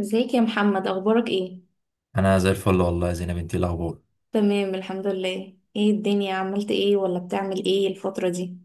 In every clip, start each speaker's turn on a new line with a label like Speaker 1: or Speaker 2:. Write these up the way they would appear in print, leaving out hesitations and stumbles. Speaker 1: ازيك يا محمد، اخبارك ايه؟
Speaker 2: انا زي الفل والله يا زينب. انتي إيه الاخبار؟
Speaker 1: تمام الحمد لله. ايه الدنيا، عملت ايه ولا بتعمل ايه الفترة دي؟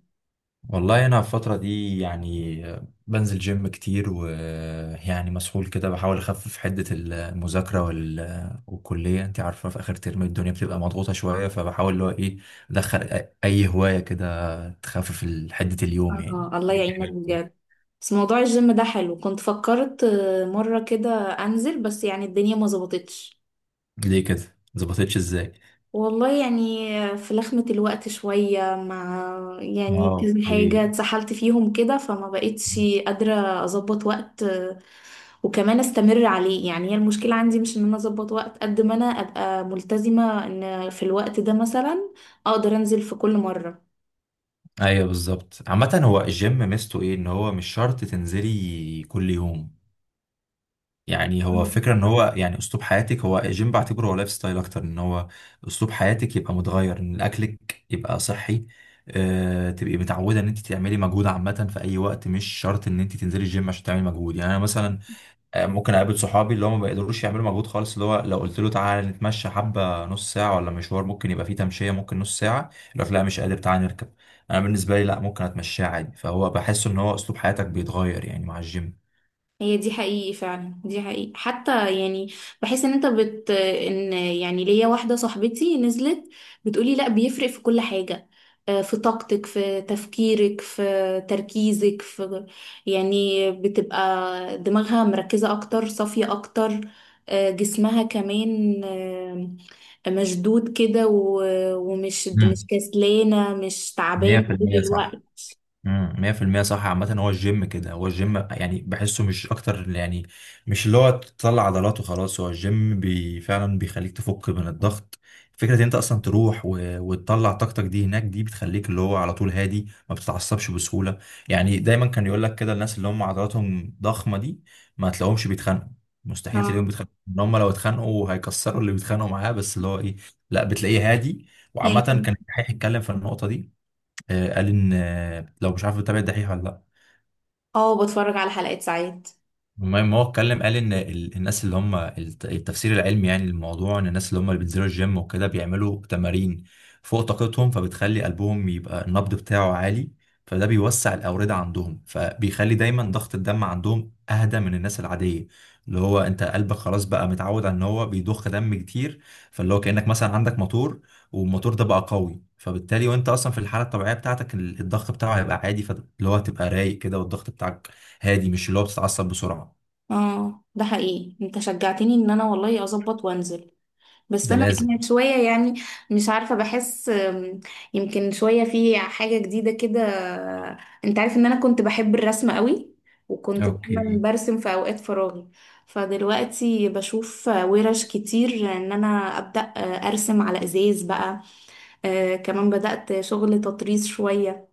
Speaker 2: والله انا في الفتره دي يعني بنزل جيم كتير، ويعني مسحول كده بحاول اخفف حده المذاكره والكليه. انتي عارفه في اخر ترم الدنيا بتبقى مضغوطه شويه، فبحاول اللي هو ايه ادخل اي هوايه كده تخفف حده اليوم يعني.
Speaker 1: آه، الله
Speaker 2: إيه
Speaker 1: يعينك
Speaker 2: بتعمل في اليوم؟
Speaker 1: بجد. بس موضوع الجيم ده حلو، كنت فكرت، مرة كده انزل بس يعني الدنيا ما ظبطتش.
Speaker 2: ليه كده؟ مظبطتش ازاي؟
Speaker 1: والله يعني، في لخمة الوقت شوية مع، يعني
Speaker 2: اه
Speaker 1: كذا
Speaker 2: ليه؟
Speaker 1: حاجة اتسحلت فيهم كده فما بقتش قادرة اظبط وقت وكمان استمر عليه. يعني هي المشكلة عندي مش ان انا اظبط وقت قد ما انا ابقى ملتزمة ان في الوقت ده مثلا اقدر انزل في كل مرة.
Speaker 2: ايوه بالظبط. عامة هو الجيم ميزته ايه؟ ان هو مش شرط تنزلي كل يوم، يعني هو فكرة ان هو يعني اسلوب حياتك. هو الجيم بعتبره هو لايف ستايل اكتر، ان هو اسلوب حياتك، يبقى متغير ان اكلك يبقى صحي. أه تبقي متعودة ان انت تعملي مجهود عامة في اي وقت، مش شرط ان انت تنزلي الجيم عشان تعملي مجهود. يعني انا مثلا ممكن اقابل صحابي اللي هم ما بيقدروش يعملوا مجهود خالص، اللي هو لو قلت له تعالى نتمشى حبة نص ساعة ولا مشوار، ممكن يبقى فيه تمشية ممكن نص ساعة، يقول لك لا مش قادر تعالى نركب. انا بالنسبة لي لا، ممكن اتمشاه عادي. فهو بحس ان هو اسلوب حياتك بيتغير يعني مع الجيم.
Speaker 1: هي دي حقيقي فعلا، دي حقيقي حتى. يعني بحس ان انت ان يعني ليا واحدة صاحبتي نزلت، بتقولي لا بيفرق في كل حاجة. في طاقتك، في تفكيرك، في تركيزك، في يعني بتبقى دماغها مركزة اكتر، صافية اكتر. جسمها كمان مشدود كده و- ومش مش
Speaker 2: مم.
Speaker 1: كسلانة، مش تعبان طول
Speaker 2: 100%
Speaker 1: الوقت.
Speaker 2: صح. 100% صح. عامة هو الجيم كده، هو الجيم يعني بحسه مش أكتر يعني، مش اللي هو تطلع عضلات وخلاص. هو الجيم بي فعلا بيخليك تفك من الضغط. فكرة إن أنت أصلا تروح وتطلع طاقتك دي هناك، دي بتخليك اللي هو على طول هادي، ما بتتعصبش بسهولة. يعني دايما كان يقول لك كده، الناس اللي هم عضلاتهم ضخمة دي ما تلاقوهمش بيتخانقوا. مستحيل تلاقيهم
Speaker 1: اه،
Speaker 2: بيتخانقوا، إن هم لو اتخانقوا هيكسروا اللي بيتخانقوا معاه. بس اللي هو إيه، لا بتلاقيه هادي. وعامة
Speaker 1: هي-
Speaker 2: كان الدحيح يتكلم في النقطة دي. قال ان لو مش عارف بتابع الدحيح ولا لا.
Speaker 1: اه، بتفرج على حلقات ساعات.
Speaker 2: المهم هو اتكلم قال ان الناس اللي هم التفسير العلمي يعني للموضوع، ان الناس اللي هم اللي بينزلوا الجيم وكده بيعملوا تمارين فوق طاقتهم، فبتخلي قلبهم يبقى النبض بتاعه عالي. فده بيوسع الاوردة عندهم، فبيخلي دايما ضغط الدم عندهم اهدى من الناس العادية. اللي هو انت قلبك خلاص بقى متعود على ان هو بيضخ دم كتير، فاللي هو كأنك مثلا عندك موتور، والموتور ده بقى قوي. فبالتالي وانت اصلا في الحالة الطبيعية بتاعتك الضغط بتاعه هيبقى عادي، فاللي هو هتبقى رايق كده. والضغط بتاعك هادي، مش اللي هو بتتعصب بسرعة.
Speaker 1: اه ده حقيقي، انت شجعتني ان انا والله اظبط وانزل. بس
Speaker 2: ده
Speaker 1: انا
Speaker 2: لازم.
Speaker 1: انا شويه يعني مش عارفه. بحس، يمكن شويه في حاجه جديده كده. انت عارف ان انا كنت بحب الرسم قوي، وكنت دايما
Speaker 2: اوكي.
Speaker 1: برسم في اوقات فراغي. فدلوقتي بشوف ورش كتير ان انا ابدا ارسم على ازاز بقى. كمان بدات شغل تطريز شويه.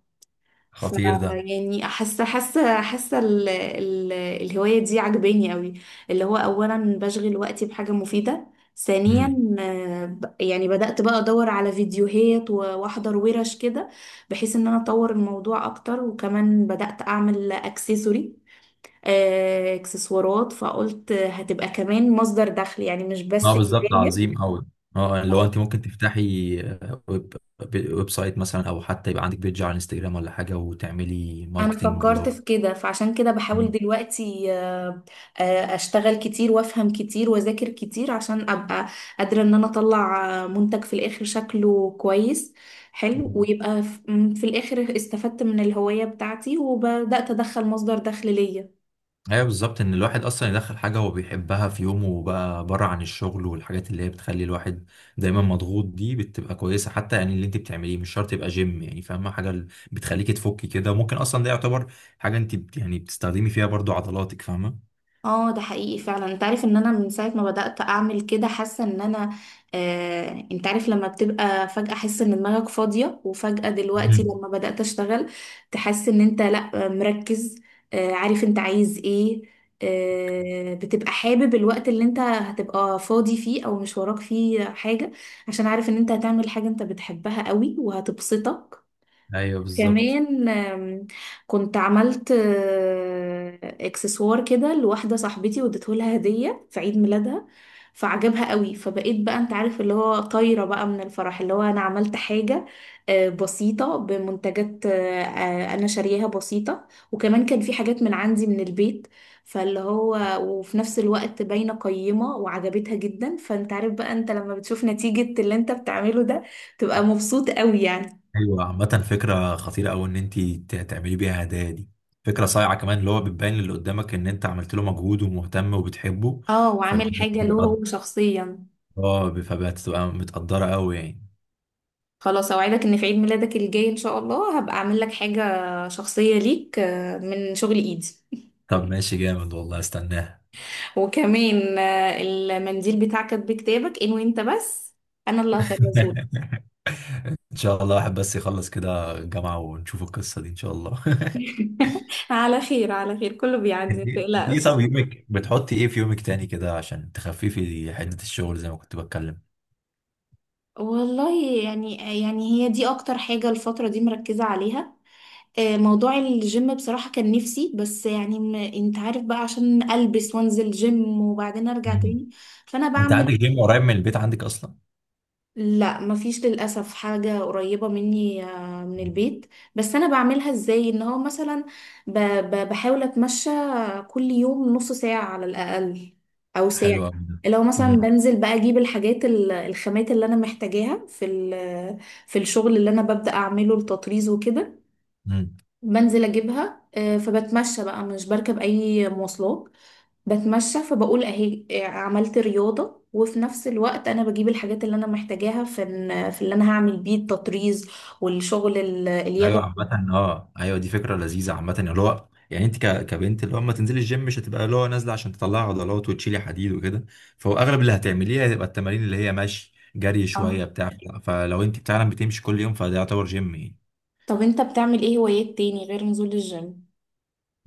Speaker 1: ف
Speaker 2: خطير ده.
Speaker 1: يعني حاسه الهوايه دي عجباني قوي. اللي هو اولا بشغل وقتي بحاجه مفيده، ثانيا
Speaker 2: امم.
Speaker 1: يعني بدأت بقى ادور على فيديوهات واحضر ورش كده، بحيث ان انا اطور الموضوع اكتر. وكمان بدأت اعمل اكسسوري آه، اكسسوارات، فقلت هتبقى كمان مصدر دخل يعني مش
Speaker 2: اه
Speaker 1: بس
Speaker 2: بالظبط، عظيم قوي. اه اللي هو انت
Speaker 1: هواية.
Speaker 2: ممكن تفتحي ويب، ويب سايت مثلا، او حتى يبقى عندك بيج على انستجرام ولا حاجه، وتعملي
Speaker 1: انا
Speaker 2: ماركتنج اللي
Speaker 1: فكرت
Speaker 2: هو.
Speaker 1: في كده، فعشان كده بحاول
Speaker 2: مم.
Speaker 1: دلوقتي، اشتغل كتير وافهم كتير واذاكر كتير عشان ابقى قادرة ان انا اطلع منتج في الاخر شكله كويس حلو،
Speaker 2: مم.
Speaker 1: ويبقى ف- م، في الاخر استفدت من الهواية بتاعتي وبدأت ادخل مصدر دخل ليا.
Speaker 2: ايوه بالظبط، ان الواحد اصلا يدخل حاجه هو بيحبها في يومه بقى بره عن الشغل، والحاجات اللي هي بتخلي الواحد دايما مضغوط دي بتبقى كويسه. حتى يعني اللي انت بتعمليه مش شرط يبقى جيم يعني، فاهمه؟ حاجه بتخليكي تفكي كده، وممكن اصلا ده يعتبر حاجه انت يعني بتستخدمي فيها برضو عضلاتك، فاهمه.
Speaker 1: اه ده حقيقي فعلا، انت عارف ان انا من ساعة ما بدأت اعمل كده حاسة ان انا، انت عارف، لما بتبقى فجأة حاسة ان دماغك فاضية، وفجأة دلوقتي
Speaker 2: مم.
Speaker 1: لما بدأت اشتغل تحس ان انت لا، مركز، عارف انت عايز ايه، بتبقى حابب الوقت اللي انت هتبقى فاضي فيه او مش وراك فيه حاجة، عشان عارف ان انت هتعمل حاجة انت بتحبها قوي وهتبسطك.
Speaker 2: ايوه بالظبط.
Speaker 1: كمان، كنت عملت اكسسوار كده لواحدة صاحبتي واديته لها هدية في عيد ميلادها، فعجبها قوي. فبقيت بقى انت عارف اللي هو طايرة بقى من الفرح، اللي هو انا عملت حاجة بسيطة بمنتجات انا شارياها بسيطة، وكمان كان في حاجات من عندي من البيت. فاللي هو وفي نفس الوقت باينة قيمة وعجبتها جدا، فانت عارف بقى انت لما بتشوف نتيجة اللي انت بتعمله ده تبقى مبسوط قوي يعني.
Speaker 2: ايوه عامة، فكرة خطيرة أوي إن أنت تعملي بيها هدايا دي. فكرة صايعة كمان اللي هو بتبين للي قدامك إن أنت عملت له مجهود ومهتم وبتحبه.
Speaker 1: اه، وعامل
Speaker 2: فالدنيا
Speaker 1: حاجة له
Speaker 2: بتبقى،
Speaker 1: هو شخصيا.
Speaker 2: اه فبتبقى متقدرة أوي يعني.
Speaker 1: خلاص اوعدك ان في عيد ميلادك الجاي ان شاء الله هبقى اعمل لك حاجة شخصية ليك، من شغل ايدي.
Speaker 2: طب ماشي جامد والله، استناها.
Speaker 1: وكمان المنديل بتاعك بكتابك، ان وانت بس انا اللي هكرسهولك.
Speaker 2: إن شاء الله واحد بس يخلص كده الجامعة ونشوف القصة دي إن شاء الله.
Speaker 1: على خير، على خير، كله بيعدي
Speaker 2: أنت إيه؟
Speaker 1: متقلقش.
Speaker 2: طب يومك، بتحطي إيه في يومك تاني كده عشان تخففي حدة الشغل زي ما كنت بتكلم؟
Speaker 1: والله يعني، يعني هي دي اكتر حاجة الفترة دي مركزة عليها. موضوع الجيم بصراحة كان نفسي، بس يعني انت عارف بقى عشان ألبس وانزل جيم وبعدين ارجع
Speaker 2: مم.
Speaker 1: تاني. فانا
Speaker 2: أنت
Speaker 1: بعمل،
Speaker 2: عندك جيم قريب من البيت، عندك أصلا؟
Speaker 1: لا مفيش للأسف حاجة قريبة مني من البيت. بس انا بعملها ازاي ان هو مثلا، بحاول اتمشى كل يوم نص ساعة على الأقل او
Speaker 2: حلو
Speaker 1: ساعة.
Speaker 2: قوي ده.
Speaker 1: لو مثلا
Speaker 2: امم.
Speaker 1: بنزل بقى اجيب الحاجات الخامات اللي انا محتاجاها في في الشغل اللي انا ببدأ اعمله، التطريز وكده،
Speaker 2: امم.
Speaker 1: بنزل اجيبها. فبتمشى بقى، مش بركب اي مواصلات، بتمشى. فبقول اهي عملت رياضة، وفي نفس الوقت انا بجيب الحاجات اللي انا محتاجاها في في اللي انا هعمل بيه التطريز والشغل
Speaker 2: ايوه
Speaker 1: اليدوي.
Speaker 2: عامة اه ايوه دي فكرة لذيذة. عامة اللي هو يعني انت كبنت اللي هو اما تنزلي الجيم مش هتبقى اللي هو نازلة عشان تطلعي عضلات وتشيلي حديد وكده. فهو اغلب اللي هتعمليه هتبقى التمارين اللي هي ماشي جري
Speaker 1: صح.
Speaker 2: شوية بتاع. فلو انت فعلا بتمشي كل يوم فده يعتبر جيم يعني.
Speaker 1: طب انت بتعمل ايه هوايات تاني غير نزول الجيم؟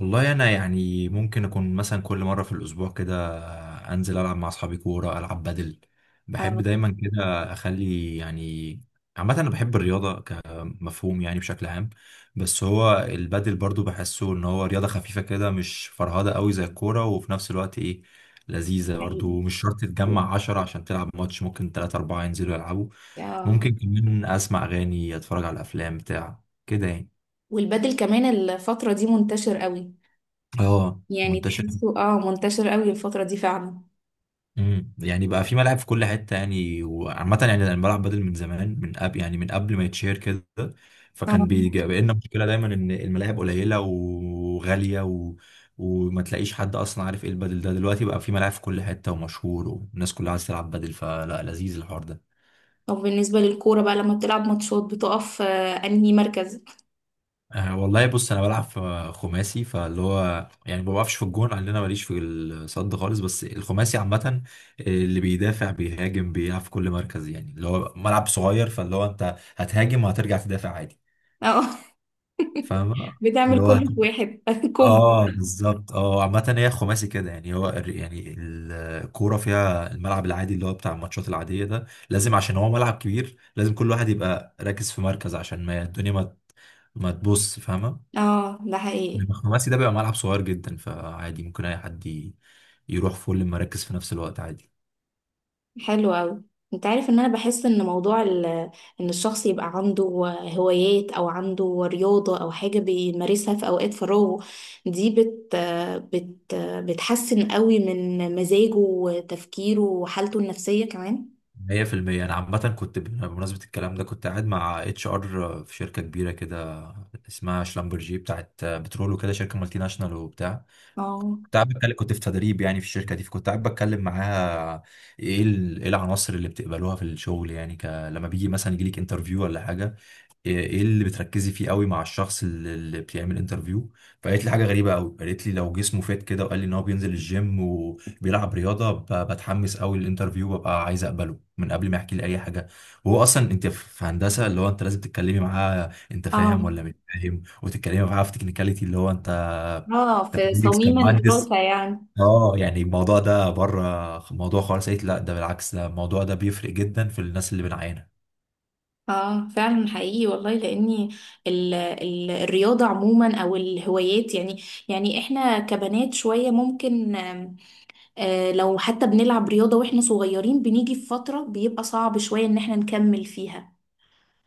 Speaker 2: والله انا يعني ممكن اكون مثلا كل مره في الاسبوع كده انزل العب مع اصحابي كوره، العب بدل. بحب
Speaker 1: اه
Speaker 2: دايما كده اخلي يعني، عامه انا بحب الرياضه كمفهوم يعني بشكل عام. بس هو البدل برضو بحسه ان هو رياضه خفيفه كده، مش فرهده قوي زي الكوره، وفي نفس الوقت ايه، لذيذه
Speaker 1: حقيقي.
Speaker 2: برضو، مش شرط تتجمع عشرة عشان تلعب ماتش، ممكن تلاتة أربعة ينزلوا يلعبوا.
Speaker 1: آه.
Speaker 2: ممكن كمان اسمع اغاني، اتفرج على افلام بتاع كده يعني.
Speaker 1: والبدل كمان الفترة دي منتشر قوي،
Speaker 2: اه
Speaker 1: يعني
Speaker 2: منتشر.
Speaker 1: تحسه اه منتشر قوي الفترة دي فعلا.
Speaker 2: يعني بقى في ملاعب في كل حته يعني. وعامه يعني انا بلعب بدل من زمان، من قبل يعني، من قبل ما يتشهر كده.
Speaker 1: اه.
Speaker 2: فكان بيجي بقى لنا مشكله دايما ان الملاعب قليله وغاليه وما تلاقيش حد اصلا عارف ايه البدل ده. دلوقتي بقى في ملاعب في كل حته ومشهور، والناس كلها عايزه تلعب بدل، فلا لذيذ الحوار ده.
Speaker 1: طب بالنسبة للكورة بقى لما بتلعب ماتشات، بتقف انهي مركز؟
Speaker 2: أه والله بص انا بلعب في خماسي، فاللي هو يعني ما بقفش في الجون لان انا ماليش في الصد خالص. بس الخماسي عامه اللي بيدافع بيهاجم، بيلعب في كل مركز يعني. اللي هو ملعب صغير، فاللي هو انت هتهاجم وهترجع تدافع عادي.
Speaker 1: اه.
Speaker 2: فاهم؟ اللي
Speaker 1: بتعمل
Speaker 2: هو
Speaker 1: كله في واحد، كومبو.
Speaker 2: اه بالظبط. اه عامه هي خماسي كده يعني. هو يعني الكوره فيها الملعب العادي اللي هو بتاع الماتشات العاديه ده لازم، عشان هو ملعب كبير، لازم كل واحد يبقى راكز في مركز، عشان ما الدنيا ما تبص، فاهمه.
Speaker 1: اه ده
Speaker 2: انما
Speaker 1: حقيقي،
Speaker 2: الخماسي ده بيبقى ملعب صغير جدا، فعادي ممكن اي حد يروح فول المراكز في نفس الوقت عادي.
Speaker 1: حلو قوي. انت عارف ان انا بحس ان موضوع ان الشخص يبقى عنده هوايات او عنده رياضة او حاجة بيمارسها في اوقات فراغه، دي بت بت بتحسن قوي من مزاجه وتفكيره وحالته النفسية كمان.
Speaker 2: 100% انا عامه كنت بمناسبه الكلام ده كنت قاعد مع اتش ار في شركه كبيره كده، اسمها شلمبرجي بتاعت بترول وكده، شركه مالتي ناشونال وبتاع.
Speaker 1: اه.
Speaker 2: كنت قاعد بتكلم، كنت في تدريب يعني في الشركه دي، فكنت قاعد بتكلم معاها، ايه ايه العناصر اللي بتقبلوها في الشغل يعني لما بيجي مثلا يجي لك انترفيو ولا حاجه، ايه إيه اللي بتركزي فيه قوي مع الشخص اللي بيعمل انترفيو. فقالت لي حاجه غريبه قوي. قالت لي لو جسمه فات كده وقال لي ان هو بينزل الجيم وبيلعب رياضه، بتحمس قوي للانترفيو وببقى عايز اقبله من قبل ما يحكي لي اي حاجه. وهو اصلا انت في هندسه اللي هو انت لازم تتكلمي معاه انت فاهم
Speaker 1: اه،
Speaker 2: ولا مش فاهم، وتتكلمي معاه في تكنيكاليتي اللي هو انت،
Speaker 1: اه،
Speaker 2: انت
Speaker 1: في
Speaker 2: كويس
Speaker 1: صميم
Speaker 2: كمهندس.
Speaker 1: الدراسة يعني.
Speaker 2: اه يعني الموضوع ده بره موضوع خالص، قلت لا ده بالعكس، ده الموضوع ده بيفرق جدا في الناس اللي بنعينها.
Speaker 1: اه فعلا حقيقي والله، لاني ال ال الرياضه عموما او الهوايات يعني، يعني احنا كبنات شويه ممكن، لو حتى بنلعب رياضه واحنا صغيرين بنيجي في فتره بيبقى صعب شويه ان احنا نكمل فيها،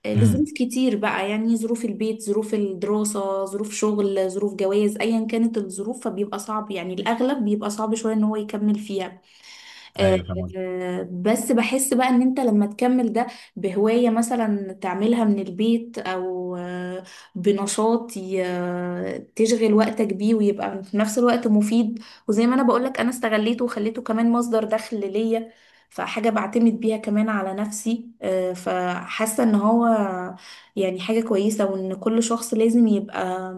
Speaker 2: امم.
Speaker 1: لظروف كتير بقى، يعني ظروف البيت، ظروف الدراسه، ظروف شغل، ظروف جواز، ايا كانت الظروف، فبيبقى صعب يعني الاغلب بيبقى صعب شويه ان هو يكمل فيها. آه،
Speaker 2: ايوه فاهم.
Speaker 1: بس بحس بقى ان انت لما تكمل ده بهواية مثلا تعملها من البيت، او بنشاط تشغل وقتك بيه ويبقى في نفس الوقت مفيد. وزي ما انا بقولك، انا استغليته وخليته كمان مصدر دخل ليا، فحاجة بعتمد بيها كمان على نفسي، فحاسة ان هو يعني حاجة كويسة، وان كل شخص لازم يبقى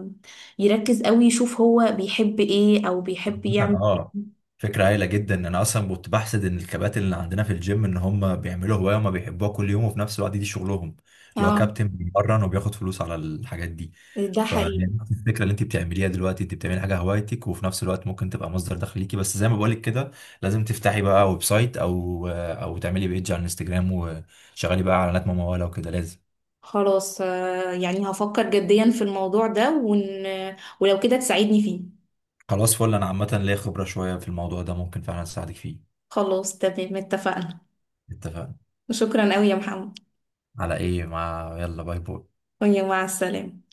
Speaker 1: يركز قوي يشوف هو بيحب ايه او بيحب
Speaker 2: مثلا
Speaker 1: يعمل
Speaker 2: اه
Speaker 1: إيه.
Speaker 2: فكرة هايلة جدا. انا اصلا كنت بحسد ان الكباتن اللي عندنا في الجيم ان هم بيعملوا هواية وما بيحبوها كل يوم وفي نفس الوقت دي شغلهم، اللي هو
Speaker 1: اه
Speaker 2: كابتن بيمرن وبياخد فلوس على الحاجات دي.
Speaker 1: ده حقيقي.
Speaker 2: فالفكرة اللي انت بتعمليها دلوقتي انت بتعملي حاجة هوايتك وفي نفس الوقت ممكن تبقى مصدر دخل ليكي. بس زي ما بقولك كده لازم تفتحي بقى ويب سايت او تعملي بيج على الانستجرام وشغلي بقى اعلانات ممولة وكده لازم.
Speaker 1: خلاص، يعني هفكر جديا في الموضوع ده، ولو كده تساعدني فيه.
Speaker 2: خلاص فل، انا عامة ليا خبرة شوية في الموضوع ده ممكن فعلا اساعدك فيه.
Speaker 1: خلاص تمام، اتفقنا.
Speaker 2: اتفقنا.
Speaker 1: شكرا قوي يا محمد،
Speaker 2: على ايه؟ يلا باي باي.
Speaker 1: ويا مع السلامة.